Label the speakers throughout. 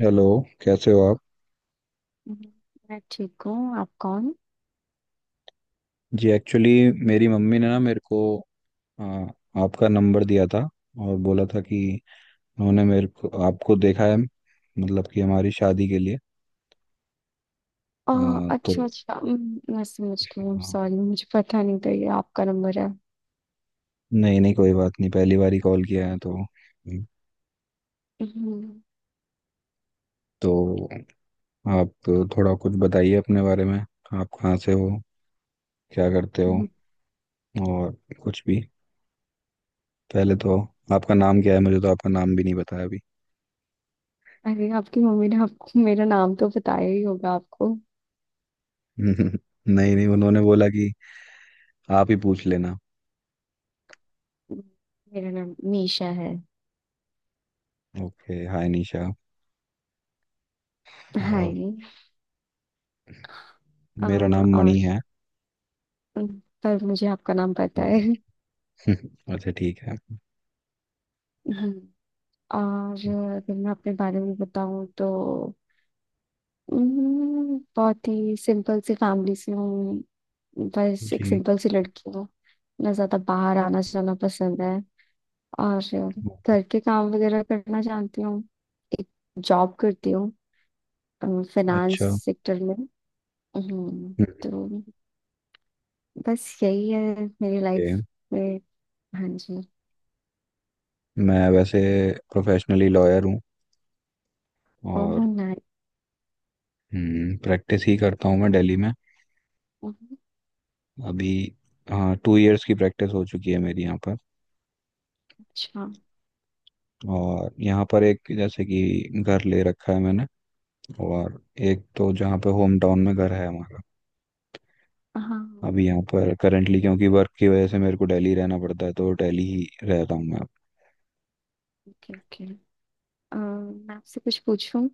Speaker 1: Hello. कैसे हो आप?
Speaker 2: हम्म, मैं ठीक हूँ। आप कौन?
Speaker 1: जी एक्चुअली मेरी मम्मी ने ना मेरे को आ, आपका नंबर दिया था और बोला था कि उन्होंने मेरे को आपको देखा है मतलब कि हमारी शादी के लिए।
Speaker 2: आ,
Speaker 1: तो
Speaker 2: अच्छा, अच्छा। मैं समझ गई।
Speaker 1: आ,
Speaker 2: सॉरी, मुझे पता नहीं था ये आपका नंबर है।
Speaker 1: नहीं नहीं कोई बात नहीं, पहली बार ही कॉल किया है तो।
Speaker 2: हम्म।
Speaker 1: तो आप थोड़ा कुछ बताइए अपने बारे में, आप कहाँ से हो, क्या करते हो
Speaker 2: हम्म।
Speaker 1: और कुछ भी। पहले तो आपका नाम क्या है, मुझे तो आपका नाम भी नहीं बताया अभी।
Speaker 2: अरे, आपकी मम्मी ने आपको मेरा नाम तो बताया ही होगा आपको।
Speaker 1: नहीं नहीं उन्होंने बोला कि आप ही पूछ लेना।
Speaker 2: हम्म। मेरा नाम मीशा है।
Speaker 1: ओके हाय निशा। और
Speaker 2: हाय।
Speaker 1: मेरा नाम मणि
Speaker 2: और,
Speaker 1: है।
Speaker 2: पर मुझे आपका नाम पता है।
Speaker 1: हम्म। अच्छा ठीक है।
Speaker 2: हम्म, और अगर मैं अपने बारे में बताऊं तो बहुत ही सिंपल सी फैमिली से हूँ। बस एक
Speaker 1: जी।
Speaker 2: सिंपल सी लड़की हूँ। ना ज्यादा बाहर आना जाना पसंद है, और घर के काम वगैरह करना जानती हूँ। एक जॉब करती हूँ,
Speaker 1: अच्छा।
Speaker 2: फाइनेंस
Speaker 1: हम्म।
Speaker 2: सेक्टर में। हम्म, तो बस यही है मेरी
Speaker 1: ओके।
Speaker 2: लाइफ में। हाँ जी।
Speaker 1: मैं वैसे प्रोफेशनली लॉयर हूँ।
Speaker 2: ओह,
Speaker 1: और
Speaker 2: नाइस।
Speaker 1: प्रैक्टिस ही करता हूँ मैं दिल्ली में अभी। हाँ 2 इयर्स की प्रैक्टिस हो चुकी है मेरी यहाँ पर।
Speaker 2: अच्छा।
Speaker 1: और यहाँ पर एक जैसे कि घर ले रखा है मैंने। और एक तो जहाँ पे होम टाउन में घर है हमारा।
Speaker 2: हाँ।
Speaker 1: अभी यहाँ पर करेंटली क्योंकि वर्क की वजह से मेरे को दिल्ली रहना पड़ता है तो दिल्ली ही रह रहा हूँ मैं अब।
Speaker 2: Okay, okay. मैं आपसे कुछ पूछूं?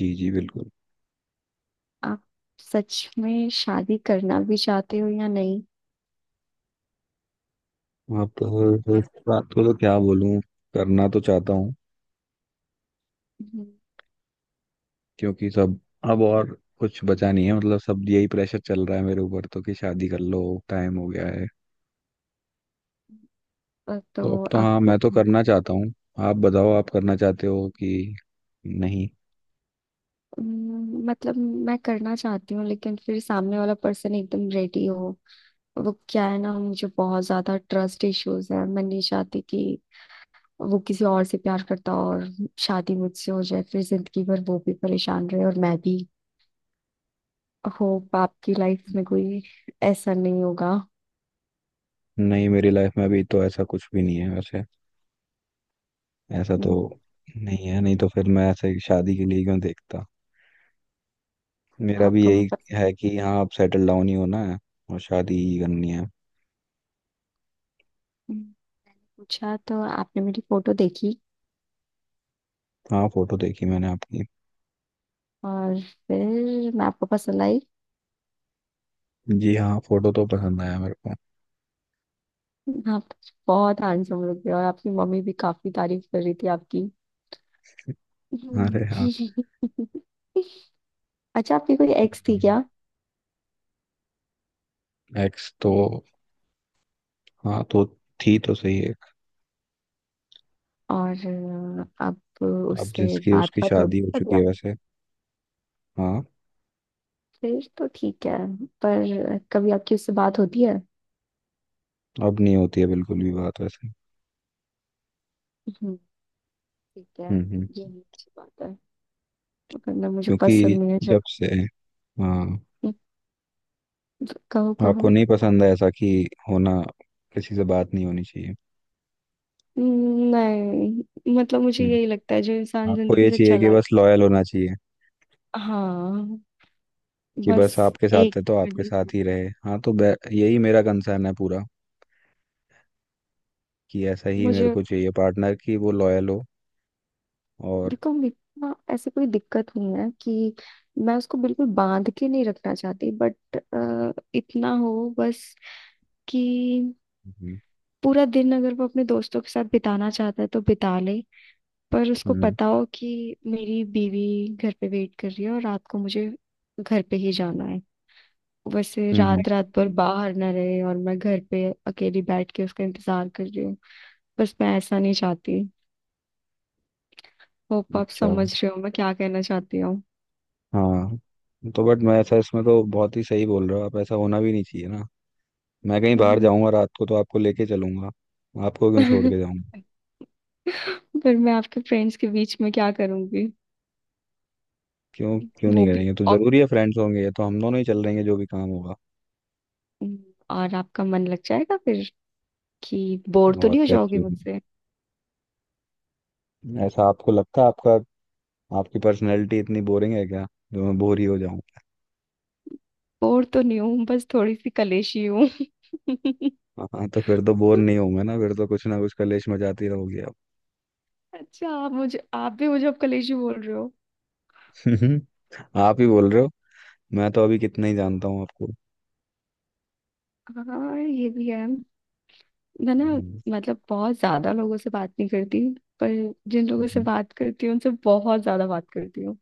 Speaker 1: जी जी बिल्कुल।
Speaker 2: आप सच में शादी करना भी चाहते हो या नहीं?
Speaker 1: आप इस बात को तो क्या बोलूं, करना तो चाहता हूँ
Speaker 2: हम्म।
Speaker 1: क्योंकि सब अब और कुछ बचा नहीं है, मतलब सब यही प्रेशर चल रहा है मेरे ऊपर तो कि शादी कर लो, टाइम हो गया है। तो अब
Speaker 2: तो
Speaker 1: तो हाँ
Speaker 2: आपको,
Speaker 1: मैं तो करना चाहता हूँ। आप बताओ आप करना चाहते हो कि नहीं?
Speaker 2: मतलब मैं करना चाहती हूँ, लेकिन फिर सामने वाला पर्सन एकदम रेडी हो। वो क्या है ना, मुझे बहुत ज्यादा ट्रस्ट इश्यूज है। मैं नहीं चाहती कि वो किसी और से प्यार करता हो और शादी मुझसे हो जाए, फिर जिंदगी भर वो भी परेशान रहे और मैं भी। होप आपकी लाइफ में कोई ऐसा नहीं होगा।
Speaker 1: नहीं मेरी लाइफ में अभी तो ऐसा कुछ भी नहीं है वैसे। ऐसा तो
Speaker 2: हम्म,
Speaker 1: नहीं है, नहीं तो फिर मैं ऐसे ही शादी के लिए क्यों देखता। मेरा भी
Speaker 2: आपको मैं
Speaker 1: यही
Speaker 2: पस-
Speaker 1: है कि हाँ अब सेटल डाउन ही होना है और शादी ही करनी है।
Speaker 2: हम्म, पूछा तो आपने मेरी फोटो देखी,
Speaker 1: हाँ फोटो देखी मैंने आपकी।
Speaker 2: और फिर मैं आपको पसंद आई?
Speaker 1: जी हाँ फोटो तो पसंद आया मेरे को।
Speaker 2: आप बहुत हैंडसम लग रहे हो, और आपकी मम्मी भी काफी तारीफ कर रही थी आपकी।
Speaker 1: अरे
Speaker 2: हम्म।
Speaker 1: हाँ।
Speaker 2: अच्छा, आपकी कोई एक्स थी क्या?
Speaker 1: एक्स तो हाँ तो थी तो सही है।
Speaker 2: और अब
Speaker 1: अब
Speaker 2: उससे
Speaker 1: जिसकी
Speaker 2: बात
Speaker 1: उसकी
Speaker 2: बात होती
Speaker 1: शादी हो
Speaker 2: है
Speaker 1: चुकी
Speaker 2: कभी
Speaker 1: है
Speaker 2: आप?
Speaker 1: वैसे। हाँ।
Speaker 2: फिर तो ठीक है। पर कभी आपकी उससे बात होती है?
Speaker 1: अब नहीं होती है बिल्कुल भी बात वैसे।
Speaker 2: हम्म, ठीक है।
Speaker 1: हम्म।
Speaker 2: ये भी अच्छी बात है। वरना मुझे
Speaker 1: क्योंकि
Speaker 2: पसंद नहीं है जब।
Speaker 1: जब से हाँ।
Speaker 2: कहो,
Speaker 1: आपको
Speaker 2: कहो।
Speaker 1: नहीं पसंद है ऐसा कि होना, किसी से बात नहीं होनी चाहिए।
Speaker 2: नहीं, मतलब मुझे यही
Speaker 1: हम्म।
Speaker 2: लगता है जो इंसान
Speaker 1: आपको
Speaker 2: जिंदगी
Speaker 1: ये
Speaker 2: से
Speaker 1: चाहिए कि
Speaker 2: चला।
Speaker 1: बस लॉयल होना चाहिए
Speaker 2: हाँ।
Speaker 1: कि
Speaker 2: बस
Speaker 1: बस आपके साथ
Speaker 2: एक
Speaker 1: है तो आपके
Speaker 2: condition।
Speaker 1: साथ ही रहे, हाँ तो यही मेरा कंसर्न है पूरा कि ऐसा ही मेरे
Speaker 2: मुझे
Speaker 1: को चाहिए पार्टनर कि वो लॉयल हो। और
Speaker 2: देखो, मेरे को ना ऐसी कोई दिक्कत नहीं है कि मैं उसको बिल्कुल बांध के नहीं रखना चाहती, बट इतना हो बस कि
Speaker 1: हम्म
Speaker 2: पूरा दिन अगर वो अपने दोस्तों के साथ बिताना चाहता है तो बिता ले, पर उसको
Speaker 1: हम्म।
Speaker 2: पता हो कि मेरी बीवी घर पे वेट कर रही है और रात को मुझे घर पे ही जाना है। वैसे,
Speaker 1: हम्म।
Speaker 2: रात रात भर बाहर ना रहे और मैं घर पे अकेली बैठ के उसका इंतजार कर रही हूँ। बस, मैं ऐसा नहीं चाहती। होप आप
Speaker 1: अच्छा
Speaker 2: समझ रहे हो मैं क्या कहना चाहती हूँ।
Speaker 1: हाँ। तो बट मैं ऐसा इसमें तो बहुत ही सही बोल रहे हो आप, ऐसा होना भी नहीं चाहिए ना। मैं कहीं बाहर
Speaker 2: हम्म।
Speaker 1: जाऊंगा रात को तो आपको लेके चलूंगा। आपको क्यों छोड़ के जाऊंगा?
Speaker 2: फिर मैं आपके फ्रेंड्स के बीच में क्या करूंगी?
Speaker 1: क्यों? क्यों
Speaker 2: वो
Speaker 1: नहीं
Speaker 2: भी,
Speaker 1: करेंगे तो
Speaker 2: और,
Speaker 1: जरूरी है, फ्रेंड्स होंगे ये तो हम दोनों ही चल रहेंगे जो भी काम होगा।
Speaker 2: और आपका मन लग जाएगा फिर, कि बोर तो नहीं
Speaker 1: और
Speaker 2: हो
Speaker 1: क्या,
Speaker 2: जाओगे
Speaker 1: क्यों?
Speaker 2: मुझसे?
Speaker 1: नहीं। ऐसा आपको लगता है आपका, आपकी पर्सनैलिटी इतनी बोरिंग है क्या जो मैं बोर ही हो जाऊं?
Speaker 2: बोर तो नहीं हूँ, बस थोड़ी सी कलेशी हूँ।
Speaker 1: हाँ तो फिर तो बोर नहीं होऊंगा ना, फिर तो कुछ ना कुछ कलेश मचाती रहोगी आप।
Speaker 2: अच्छा, आप भी मुझे अब कलेशी बोल रहे हो।
Speaker 1: आप ही बोल रहे हो। मैं तो अभी कितना ही जानता हूँ आपको।
Speaker 2: हाँ, ये भी है। मैं ना,
Speaker 1: हम्म।
Speaker 2: मतलब बहुत ज्यादा लोगों से बात नहीं करती, पर जिन लोगों से
Speaker 1: हम्म।
Speaker 2: बात करती हूँ उनसे बहुत ज्यादा बात करती हूँ।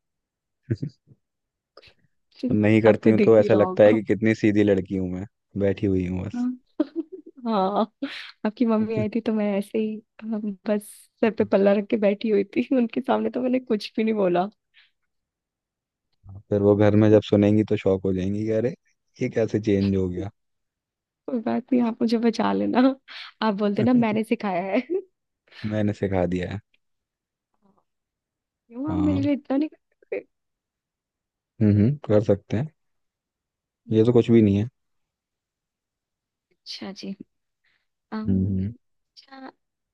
Speaker 1: नहीं करती
Speaker 2: आपको
Speaker 1: हूँ तो
Speaker 2: दिख ही
Speaker 1: ऐसा
Speaker 2: रहा
Speaker 1: लगता है
Speaker 2: होगा।
Speaker 1: कि कितनी सीधी लड़की हूँ मैं बैठी हुई हूँ
Speaker 2: हाँ।
Speaker 1: बस।
Speaker 2: हाँ, आपकी मम्मी आई थी तो मैं ऐसे ही बस सर पे पल्ला रख के बैठी हुई थी। उनके सामने तो मैंने कुछ भी नहीं बोला।
Speaker 1: फिर वो घर में जब सुनेंगी तो शॉक हो जाएंगी कि अरे ये कैसे चेंज हो गया।
Speaker 2: कोई बात नहीं, आप मुझे बचा लेना। आप बोल देना मैंने सिखाया है।
Speaker 1: मैंने सिखा दिया है।
Speaker 2: क्यों, आप
Speaker 1: हाँ।
Speaker 2: मेरे लिए इतना नहीं कर सकते?
Speaker 1: कर सकते हैं। ये तो कुछ भी नहीं है।
Speaker 2: अच्छा जी।
Speaker 1: हम्म।
Speaker 2: अम, अच्छा,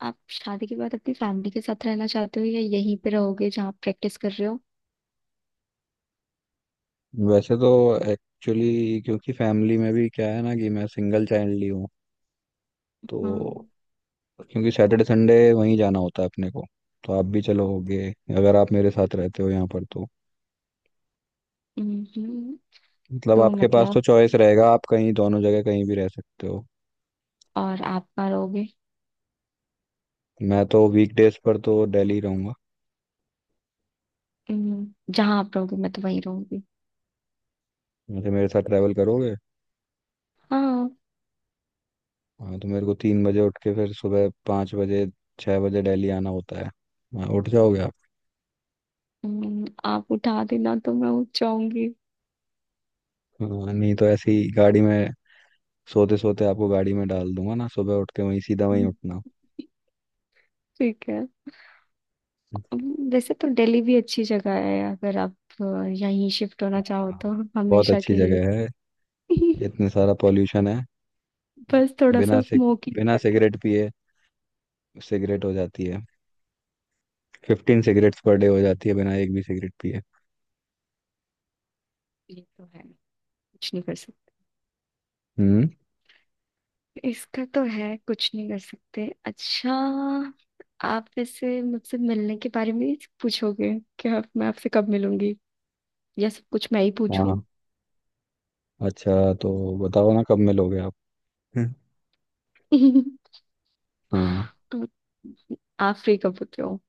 Speaker 2: आप शादी के बाद अपनी फैमिली के साथ रहना चाहते हो या यहीं पे रहोगे जहाँ आप प्रैक्टिस कर रहे हो?
Speaker 1: वैसे तो एक्चुअली क्योंकि फैमिली में भी क्या है ना, कि मैं सिंगल चाइल्ड ही हूँ
Speaker 2: हाँ।
Speaker 1: तो, क्योंकि सैटरडे संडे वहीं जाना होता है अपने को तो आप भी चलोगे अगर आप मेरे साथ रहते हो यहाँ पर तो,
Speaker 2: हम्म,
Speaker 1: मतलब
Speaker 2: तो
Speaker 1: आपके पास तो
Speaker 2: मतलब,
Speaker 1: चॉइस रहेगा, आप कहीं दोनों जगह कहीं भी रह सकते हो।
Speaker 2: और आप कहाँ रहोगे?
Speaker 1: मैं तो वीकडेज पर तो दिल्ली रहूंगा।
Speaker 2: जहाँ आप रहोगे मैं तो वहीं रहूंगी।
Speaker 1: जैसे मेरे साथ ट्रैवल करोगे।
Speaker 2: हाँ।
Speaker 1: हाँ तो मेरे को 3 बजे उठ के फिर सुबह 5 बजे 6 बजे दिल्ली आना होता है, हाँ, उठ जाओगे आप?
Speaker 2: आप उठा देना तो मैं उठ जाऊंगी।
Speaker 1: हाँ, नहीं तो ऐसी गाड़ी में सोते सोते आपको गाड़ी में डाल दूंगा ना, सुबह उठ के वहीं सीधा वहीं
Speaker 2: हम्म,
Speaker 1: उठना।
Speaker 2: ठीक है। वैसे तो दिल्ली भी अच्छी जगह है, अगर आप यहीं शिफ्ट होना चाहो
Speaker 1: हाँ,
Speaker 2: तो,
Speaker 1: बहुत
Speaker 2: हमेशा
Speaker 1: अच्छी
Speaker 2: के लिए।
Speaker 1: जगह है। इतने सारा पॉल्यूशन है।
Speaker 2: बस थोड़ा
Speaker 1: बिना
Speaker 2: सा
Speaker 1: सिग
Speaker 2: स्मोकी
Speaker 1: बिना
Speaker 2: है।
Speaker 1: सिगरेट पिए सिगरेट हो जाती है, 15 सिगरेट्स पर डे हो जाती है बिना एक भी सिगरेट पिए।
Speaker 2: ये तो है, कुछ नहीं कर सकते।
Speaker 1: हम्म।
Speaker 2: इसका तो है, कुछ नहीं कर सकते। अच्छा, आप वैसे मुझसे मिलने के बारे में ही पूछोगे कि आप मैं आपसे कब मिलूंगी, या सब कुछ मैं ही पूछूं?
Speaker 1: हाँ अच्छा तो बताओ ना कब मिलोगे आप? हाँ।
Speaker 2: आप फ्री कब होते हो?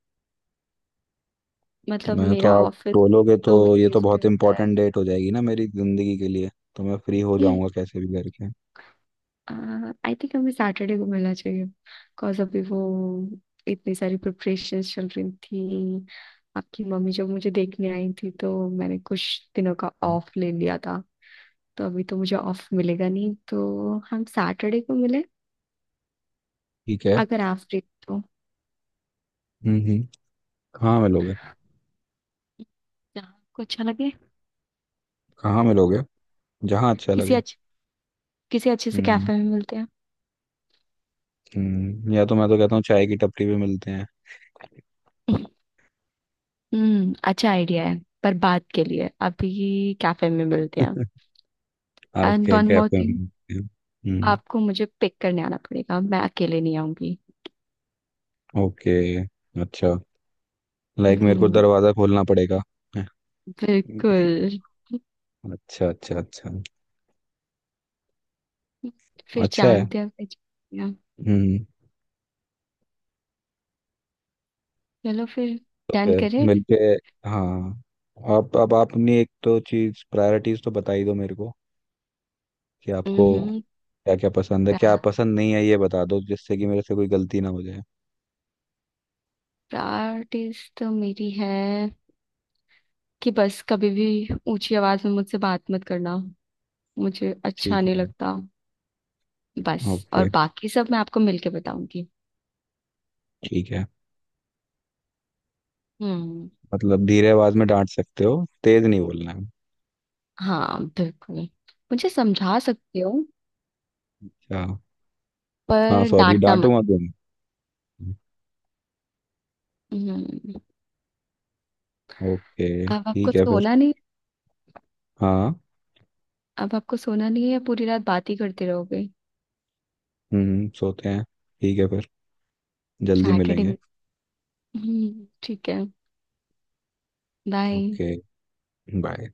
Speaker 2: मतलब
Speaker 1: मैं तो
Speaker 2: मेरा
Speaker 1: आप
Speaker 2: ऑफिस
Speaker 1: बोलोगे तो
Speaker 2: दो
Speaker 1: ये तो
Speaker 2: वीकडेज पे
Speaker 1: बहुत
Speaker 2: होता है।
Speaker 1: इंपॉर्टेंट डेट हो जाएगी ना मेरी जिंदगी के लिए, तो मैं फ्री हो जाऊंगा कैसे भी करके।
Speaker 2: आई थिंक हमें सैटरडे को मिलना चाहिए, बिकॉज अभी वो इतनी सारी प्रिपरेशन चल रही थी, आपकी मम्मी जब मुझे देखने आई थी तो मैंने कुछ दिनों का
Speaker 1: हम्म,
Speaker 2: ऑफ ले लिया था, तो अभी तो मुझे ऑफ मिलेगा नहीं, तो हम सैटरडे को मिले,
Speaker 1: ठीक है।
Speaker 2: अगर आप फ्री हो तो।
Speaker 1: हम्म। कहाँ मिलोगे?
Speaker 2: जहाँ आपको अच्छा लगे।
Speaker 1: कहाँ मिलोगे? जहाँ अच्छा
Speaker 2: किसी
Speaker 1: लगे।
Speaker 2: अच्छे किसी अच्छे से
Speaker 1: हम्म
Speaker 2: कैफे में मिलते हैं।
Speaker 1: हम्म, या तो मैं तो कहता हूँ चाय की टपरी पे मिलते हैं।
Speaker 2: हम्म, अच्छा आइडिया है, पर बात के लिए अभी कैफे में मिलते हैं। एंड
Speaker 1: आपके
Speaker 2: वन मोर
Speaker 1: कैफे में
Speaker 2: थिंग,
Speaker 1: मिलते हैं। हम्म।
Speaker 2: आपको मुझे पिक करने आना पड़ेगा, मैं अकेले नहीं आऊंगी।
Speaker 1: ओके। अच्छा। लाइक मेरे को
Speaker 2: हम्म।
Speaker 1: दरवाजा खोलना पड़ेगा?
Speaker 2: बिल्कुल।
Speaker 1: अच्छा अच्छा अच्छा।
Speaker 2: फिर
Speaker 1: अच्छा है।
Speaker 2: जानते हैं, पहचानते हैं।
Speaker 1: हम्म।
Speaker 2: चलो फिर,
Speaker 1: तो
Speaker 2: डन
Speaker 1: फिर
Speaker 2: करें।
Speaker 1: मिलके। हाँ। आप अब आप अपनी एक तो चीज प्रायोरिटीज तो बता ही दो मेरे को कि आपको
Speaker 2: हम्म।
Speaker 1: क्या क्या पसंद है, क्या पसंद नहीं है, ये बता दो जिससे कि मेरे से कोई गलती ना हो जाए।
Speaker 2: प्रायोरिटीज तो मेरी है कि बस कभी भी ऊंची आवाज में मुझसे बात मत करना, मुझे अच्छा
Speaker 1: ठीक
Speaker 2: नहीं
Speaker 1: है।
Speaker 2: लगता। बस। और
Speaker 1: ओके
Speaker 2: बाकी सब मैं आपको मिलके बताऊंगी।
Speaker 1: ठीक है।
Speaker 2: हम्म।
Speaker 1: मतलब धीरे आवाज में डांट सकते हो, तेज नहीं बोलना है?
Speaker 2: हाँ, बिल्कुल। मुझे समझा सकते हो,
Speaker 1: अच्छा। हाँ
Speaker 2: पर
Speaker 1: सॉरी
Speaker 2: डांटना मत।
Speaker 1: डांटूंगा क्यों? नहीं?
Speaker 2: हम्म।
Speaker 1: ओके
Speaker 2: अब आपको
Speaker 1: ठीक है फिर।
Speaker 2: सोना नहीं
Speaker 1: हाँ।
Speaker 2: अब आपको सोना नहीं है या पूरी रात बात ही करते रहोगे?
Speaker 1: सोते हैं। ठीक है फिर, जल्दी
Speaker 2: सैटरडे।
Speaker 1: मिलेंगे।
Speaker 2: हम्म, ठीक है। बाय।
Speaker 1: ओके। बाय।